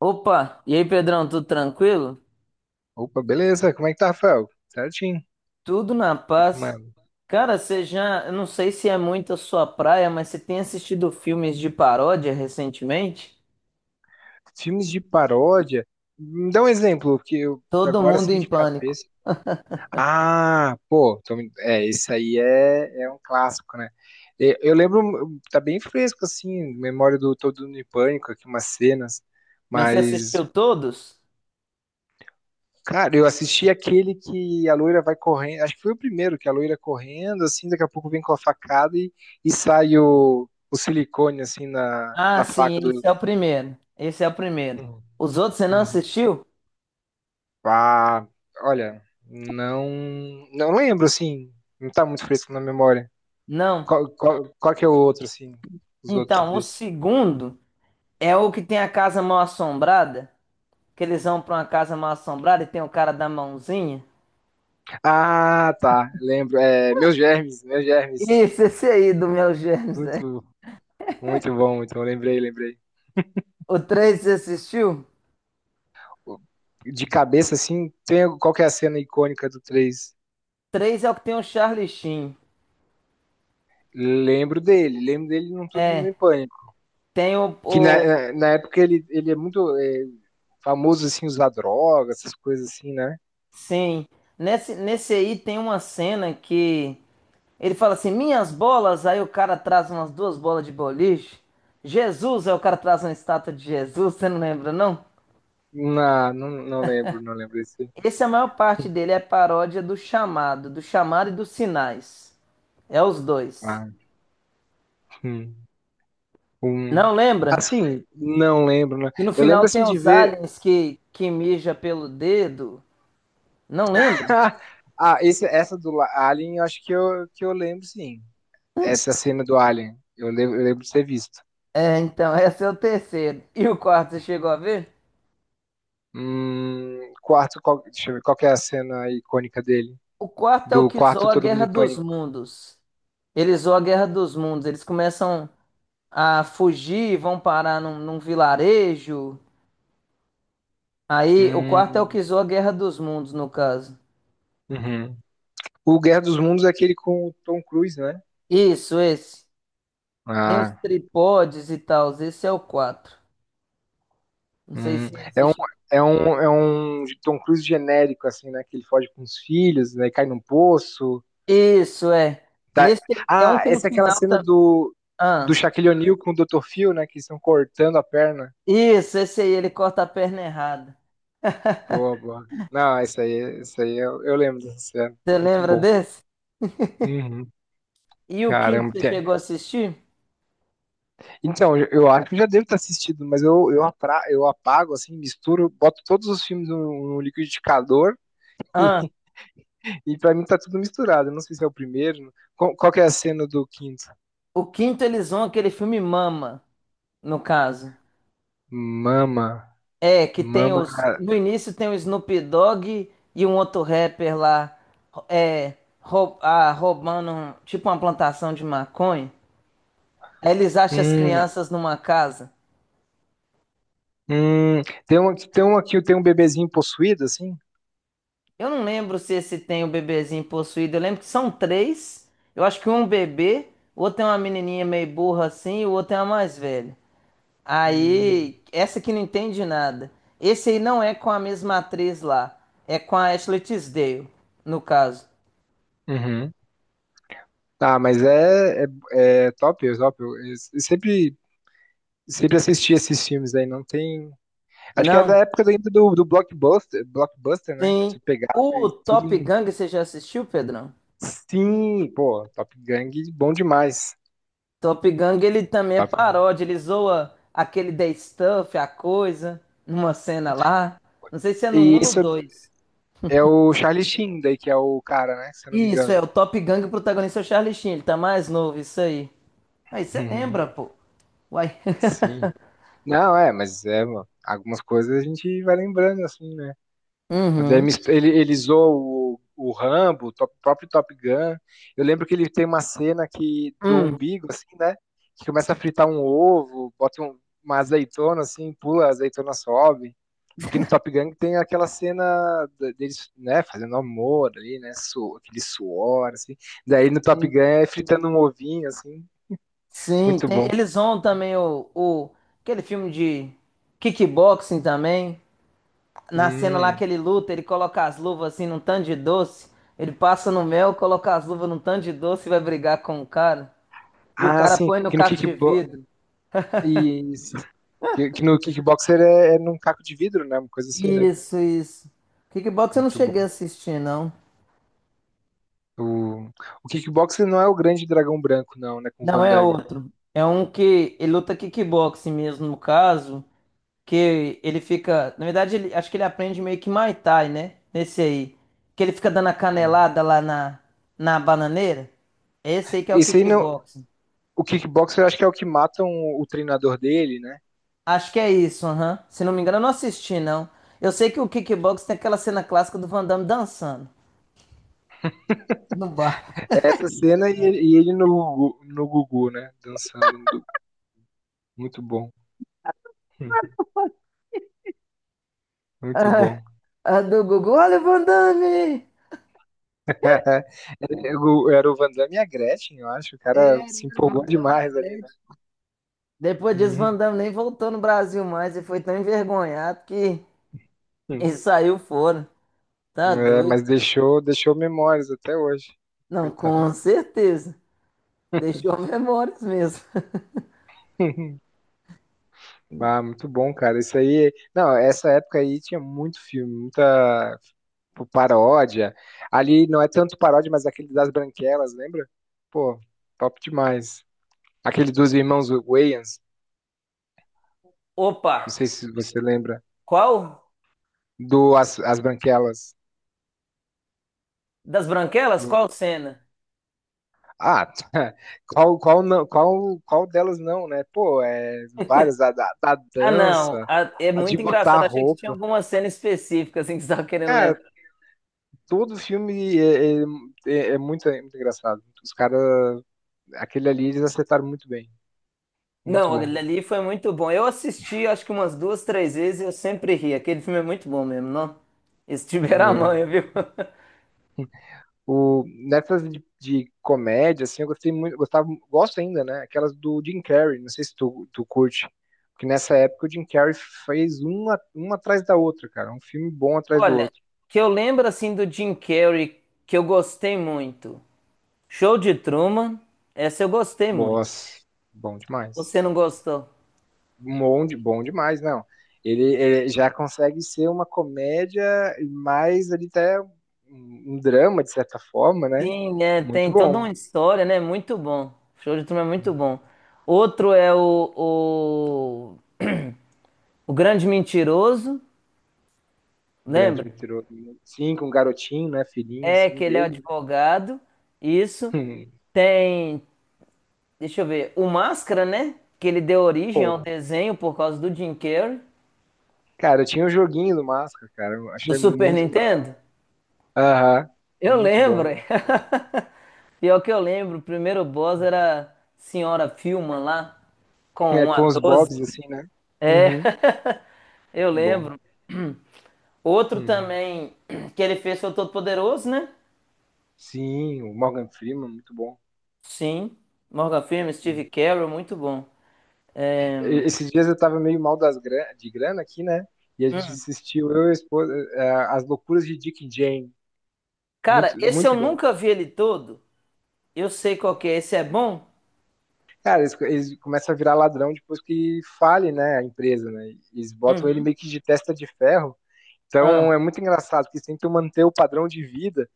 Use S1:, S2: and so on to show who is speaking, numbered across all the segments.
S1: Opa, e aí Pedrão, tudo tranquilo?
S2: Opa, beleza. Como é que tá, Rafael? Certinho.
S1: Tudo na
S2: Fique
S1: paz.
S2: mano.
S1: Cara, eu não sei se é muito a sua praia, mas você tem assistido filmes de paródia recentemente?
S2: Filmes de paródia. Me dá um exemplo, porque eu
S1: Todo
S2: agora
S1: mundo
S2: assim
S1: em
S2: de
S1: pânico.
S2: cabeça. Ah, pô, esse aí é um clássico, né? Eu lembro, tá bem fresco assim, memória do Todo Mundo em Pânico, aqui umas cenas,
S1: Mas você
S2: mas
S1: assistiu todos?
S2: cara, eu assisti aquele que a loira vai correndo, acho que foi o primeiro que a loira correndo assim, daqui a pouco vem com e sai o silicone assim na,
S1: Ah,
S2: na
S1: sim,
S2: faca
S1: esse é o primeiro. Esse é o primeiro.
S2: do
S1: Os outros você não
S2: Uhum.
S1: assistiu?
S2: Ah, olha, não, não lembro, assim. Não tá muito fresco na memória.
S1: Não.
S2: Qual que é o outro, assim? Os outros
S1: Então, o
S2: desse.
S1: segundo é o que tem a casa mal assombrada, que eles vão pra uma casa mal assombrada e tem o cara da mãozinha.
S2: Ah, tá. Lembro. É, meus germes, meus germes.
S1: Isso, esse aí do meu gênio.
S2: Muito, muito bom, muito bom. Lembrei, lembrei.
S1: O 3 você assistiu?
S2: De cabeça, assim, tem qual que é a cena icônica do 3?
S1: Três é o que tem o Charlie Sheen.
S2: Lembro dele num Tudo
S1: É,
S2: em Pânico.
S1: tem o,
S2: Que na,
S1: o-
S2: na na época ele é muito famoso, assim, usar drogas, essas coisas assim, né?
S1: sim. Nesse aí tem uma cena que ele fala assim: "Minhas bolas", aí o cara traz umas duas bolas de boliche. Jesus, aí o cara traz uma estátua de Jesus, você não lembra não?
S2: Não lembro, não lembro esse.
S1: Esse, é a maior parte dele é paródia do chamado, e dos sinais. É os dois.
S2: Ah, hum, hum.
S1: Não lembra?
S2: Assim, não lembro, né?
S1: E no
S2: Eu lembro
S1: final
S2: assim
S1: tem
S2: de
S1: os
S2: ver.
S1: aliens que mija pelo dedo. Não lembra?
S2: Ah, essa do Alien, eu acho que eu lembro, sim. Essa cena do Alien, eu lembro de ter visto.
S1: É, então, esse é o terceiro. E o quarto, você chegou a ver?
S2: Quarto, qual, deixa eu ver, qual que é a cena icônica dele?
S1: O quarto é o
S2: Do
S1: que
S2: quarto
S1: zoa a
S2: Todo Mundo
S1: Guerra
S2: em
S1: dos
S2: Pânico.
S1: Mundos. Eles zoam a Guerra dos Mundos. Eles começam a fugir, vão parar num vilarejo. Aí, o quarto é o que
S2: Hum,
S1: zoa a Guerra dos Mundos, no caso.
S2: uhum. O Guerra dos Mundos é aquele com o Tom Cruise, né?
S1: Isso, esse. Tem os
S2: Ah.
S1: tripodes e tal. Esse é o quatro. Não sei
S2: Hum,
S1: se é
S2: é
S1: esse.
S2: um, é um Tom Cruise genérico, assim, né? Que ele foge com os filhos, né? E cai num poço.
S1: Isso, é.
S2: tá-
S1: Nesse é um
S2: Ah,
S1: que no
S2: essa é aquela
S1: final
S2: cena
S1: também.
S2: do, do
S1: Ah,
S2: Shaquille O'Neal com o Dr. Phil, né? Que estão cortando a perna.
S1: isso, esse aí, ele corta a perna errada.
S2: Boa, boa. Não, isso aí, eu lembro dessa cena.
S1: Você
S2: Muito
S1: lembra
S2: bom.
S1: desse?
S2: Uhum.
S1: E o quinto
S2: Caramba.
S1: você chegou a assistir?
S2: Então, eu acho que eu já devo ter assistido, mas eu apago, assim, misturo, boto todos os filmes no liquidificador
S1: Ah,
S2: e pra mim tá tudo misturado. Eu não sei se é o primeiro. Qual que é a cena do quinto?
S1: o quinto eles vão aquele filme Mama, no caso.
S2: Mama,
S1: É, que tem
S2: mama.
S1: os. No início tem o Snoop Dogg e um outro rapper lá. É. Roubando tipo uma plantação de maconha. Aí eles acham as
S2: Hum,
S1: crianças numa casa.
S2: tem um bebezinho possuído, assim?
S1: Eu não lembro se esse tem o bebezinho possuído. Eu lembro que são três. Eu acho que um é um bebê, o outro é uma menininha meio burra assim, e o outro é uma mais velha.
S2: Hum.
S1: Aí, essa que não entende nada. Esse aí não é com a mesma atriz lá. É com a Ashley Tisdale, no caso.
S2: Uhum. Tá, é top, é top. Sempre assisti esses filmes aí, não tem. Acho que era
S1: Não,
S2: da época ainda do Blockbuster, Blockbuster, né?
S1: sim.
S2: Se pegava
S1: O
S2: e tudo.
S1: Top Gun, você já assistiu, Pedrão?
S2: Sim, pô, Top Gang, bom demais.
S1: Top Gun, ele também é
S2: Top Gang.
S1: paródia. Ele zoa aquele The Stuff, a coisa, numa cena
S2: Né?
S1: lá. Não sei se é no um
S2: E
S1: ou no
S2: esse é o
S1: dois.
S2: é o Charlie Sheen, daí, que é o cara, né? Se eu não me
S1: Isso, é
S2: engano.
S1: o Top Gun, o protagonista é o Charlie Sheen. Ele tá mais novo, isso aí. Aí você lembra, pô. Uai.
S2: Sim. Não, é, mas é, mano, algumas coisas a gente vai lembrando, assim, né? O
S1: Uhum.
S2: Demis, ele zoou o Rambo, o próprio Top Gun. Eu lembro que ele tem uma cena que, do umbigo, assim, né? Que começa a fritar um ovo, bota uma azeitona, assim, pula, a azeitona sobe. Porque no Top Gun tem aquela cena de deles, né, fazendo amor ali, né? Su, aquele suor, assim. Daí no Top Gun
S1: Hum.
S2: é fritando um ovinho, assim.
S1: Sim,
S2: Muito
S1: tem,
S2: bom.
S1: eles vão também o aquele filme de kickboxing também. Na cena lá
S2: Hum.
S1: que ele luta, ele coloca as luvas assim num tanto de doce. Ele passa no mel, coloca as luvas num tanto de doce e vai brigar com o cara. E o
S2: Ah,
S1: cara
S2: sim,
S1: põe no
S2: que no
S1: caco de
S2: kickbox.
S1: vidro.
S2: Que no kickboxer é, é num caco de vidro, né? Uma coisa assim, né?
S1: Isso, isso. Kickboxing eu não
S2: Muito
S1: cheguei a
S2: bom.
S1: assistir, não.
S2: O, o kickboxer não é o grande dragão branco, não, né? Com o
S1: Não,
S2: Van
S1: é
S2: Damme.
S1: outro. É um que ele luta kickboxing mesmo, no caso. Que ele fica. Na verdade, ele, acho que ele aprende meio que Muay Thai, né? Nesse aí. Que ele fica dando a
S2: Hum.
S1: canelada lá na bananeira. Esse aí que é o
S2: Esse aí não.
S1: kickboxing.
S2: O kickboxer eu acho que é o que matam o treinador dele, né?
S1: Acho que é isso, aham. Se não me engano, eu não assisti, não. Eu sei que o kickboxing tem aquela cena clássica do Van Damme dançando. No bar.
S2: É essa cena e, e ele no Gugu, né? Dançando. No Muito bom. Hum, Muito
S1: Ah,
S2: bom.
S1: a do Gugu, olha o Van Damme!
S2: Era o Van Damme e a Gretchen, eu acho. O
S1: É,
S2: cara se
S1: Van
S2: empolgou
S1: Damme e a
S2: demais ali, né?
S1: Gretchen. Depois disso, Van
S2: Uhum.
S1: Damme nem voltou no Brasil mais e foi tão envergonhado que
S2: Hum.
S1: ele saiu fora. Tá
S2: É,
S1: doido.
S2: mas deixou, deixou memórias até hoje.
S1: Não,
S2: Coitado.
S1: com certeza. Deixou memórias mesmo.
S2: Ah, muito bom, cara. Isso aí. Não, essa época aí tinha muito filme, paródia. Ali não é tanto paródia, mas aquele das Branquelas, lembra? Pô, top demais. Aquele dos irmãos Wayans,
S1: Opa,
S2: não sei se você lembra,
S1: qual
S2: do As Branquelas.
S1: das branquelas?
S2: Do-
S1: Qual cena?
S2: Ah, qual delas não, né? Pô, é várias, da
S1: Ah, não,
S2: dança,
S1: é
S2: a de
S1: muito
S2: botar a
S1: engraçado. Achei que tinha
S2: roupa.
S1: alguma cena específica assim que você estava querendo
S2: Cara,
S1: lembrar.
S2: todo filme é é muito engraçado. Os caras aquele ali eles acertaram muito bem. Muito
S1: Não,
S2: bom.
S1: aquele ali foi muito bom. Eu assisti, acho que umas duas, três vezes e eu sempre ri. Aquele filme é muito bom mesmo, não? Esse tiver a manha,
S2: É.
S1: viu?
S2: Nessas de comédia, assim, eu gostei muito, gostava, gosto ainda, né? Aquelas do Jim Carrey, não sei se tu curte. Porque nessa época o Jim Carrey fez uma atrás da outra, cara. Um filme bom atrás do
S1: Olha,
S2: outro.
S1: que eu lembro assim do Jim Carrey que eu gostei muito. Show de Truman, essa eu gostei muito.
S2: Nossa, bom demais.
S1: Você não gostou?
S2: Bom demais, não. Ele já consegue ser uma comédia, mas ele até um drama, de certa forma, né?
S1: Sim, é,
S2: Muito
S1: tem toda
S2: bom.
S1: uma história, né? Muito bom. O show de Truman é muito
S2: Uhum.
S1: bom. Outro é o Grande Mentiroso,
S2: Grande
S1: lembra?
S2: mentiroso. Né? Sim, com um garotinho, né? Filhinho,
S1: É
S2: assim,
S1: que ele é
S2: dele.
S1: advogado, isso. Tem, deixa eu ver, o Máscara, né? Que ele deu origem
S2: Pô,
S1: ao desenho por causa do Jim Carrey,
S2: cara, eu tinha um joguinho do Máscara, cara. Eu
S1: do
S2: achei
S1: Super
S2: muito da hora.
S1: Nintendo.
S2: Aham,
S1: Eu
S2: muito
S1: lembro.
S2: bom, muito bom.
S1: Pior que eu lembro, o primeiro boss era Senhora Filma lá, com
S2: É,
S1: um a
S2: com os
S1: doze.
S2: Bobs, assim, né?
S1: É,
S2: Uhum,
S1: eu
S2: muito bom.
S1: lembro. Outro
S2: Hum.
S1: também que ele fez foi o Todo-Poderoso, né?
S2: Sim, o Morgan Freeman, muito bom.
S1: Sim. Morgan Freeman, Steve
S2: Hum.
S1: Carell, muito bom.
S2: Esses dias eu tava meio de grana aqui, né? E a gente assistiu, eu e a esposa, As Loucuras de Dick e Jane.
S1: Cara, esse eu
S2: Muito bom.
S1: nunca vi ele todo. Eu sei qual que é. Esse é bom?
S2: Cara, eles começam a virar ladrão depois que fale, né, a empresa, né? Eles botam ele
S1: Uhum.
S2: meio que de testa de ferro.
S1: Ah,
S2: Então é muito engraçado, porque eles tentam manter o padrão de vida.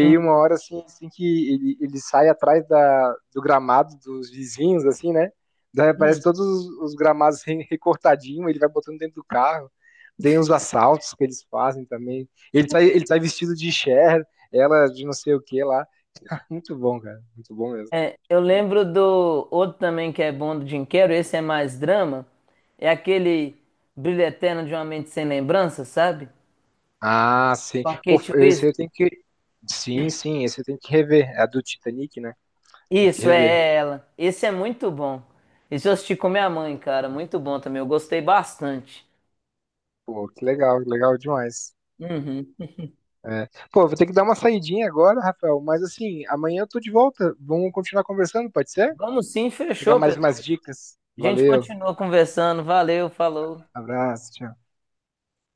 S1: hum.
S2: uma hora assim, assim que ele sai atrás da, do gramado dos vizinhos, assim, né? Daí aparece
S1: Hum.
S2: todos os gramados recortadinho, ele vai botando dentro do carro. Tem os assaltos que eles fazem também. Ele tá vestido de Cher, ela de não sei o que lá. Muito bom, cara. Muito bom mesmo.
S1: É, eu lembro do outro também que é bom do Jim Carrey. Esse é mais drama. É aquele Brilho Eterno de uma Mente Sem Lembrança, sabe?
S2: Ah, sim.
S1: Com a
S2: Pô,
S1: Kate
S2: eu, esse eu
S1: Winslet.
S2: tenho que, sim, sim, esse tem que rever. É a do Titanic, né? Tem que
S1: Isso,
S2: rever.
S1: é ela. Esse é muito bom. Esse eu assisti com minha mãe, cara. Muito bom também. Eu gostei bastante.
S2: Pô, que legal, legal demais.
S1: Uhum.
S2: É. Pô, vou ter que dar uma saidinha agora, Rafael, mas assim, amanhã eu tô de volta. Vamos continuar conversando, pode ser?
S1: Vamos sim,
S2: Pegar
S1: fechou,
S2: mais
S1: Pedrão.
S2: umas dicas.
S1: A gente
S2: Valeu,
S1: continua conversando. Valeu, falou.
S2: abraço, tchau.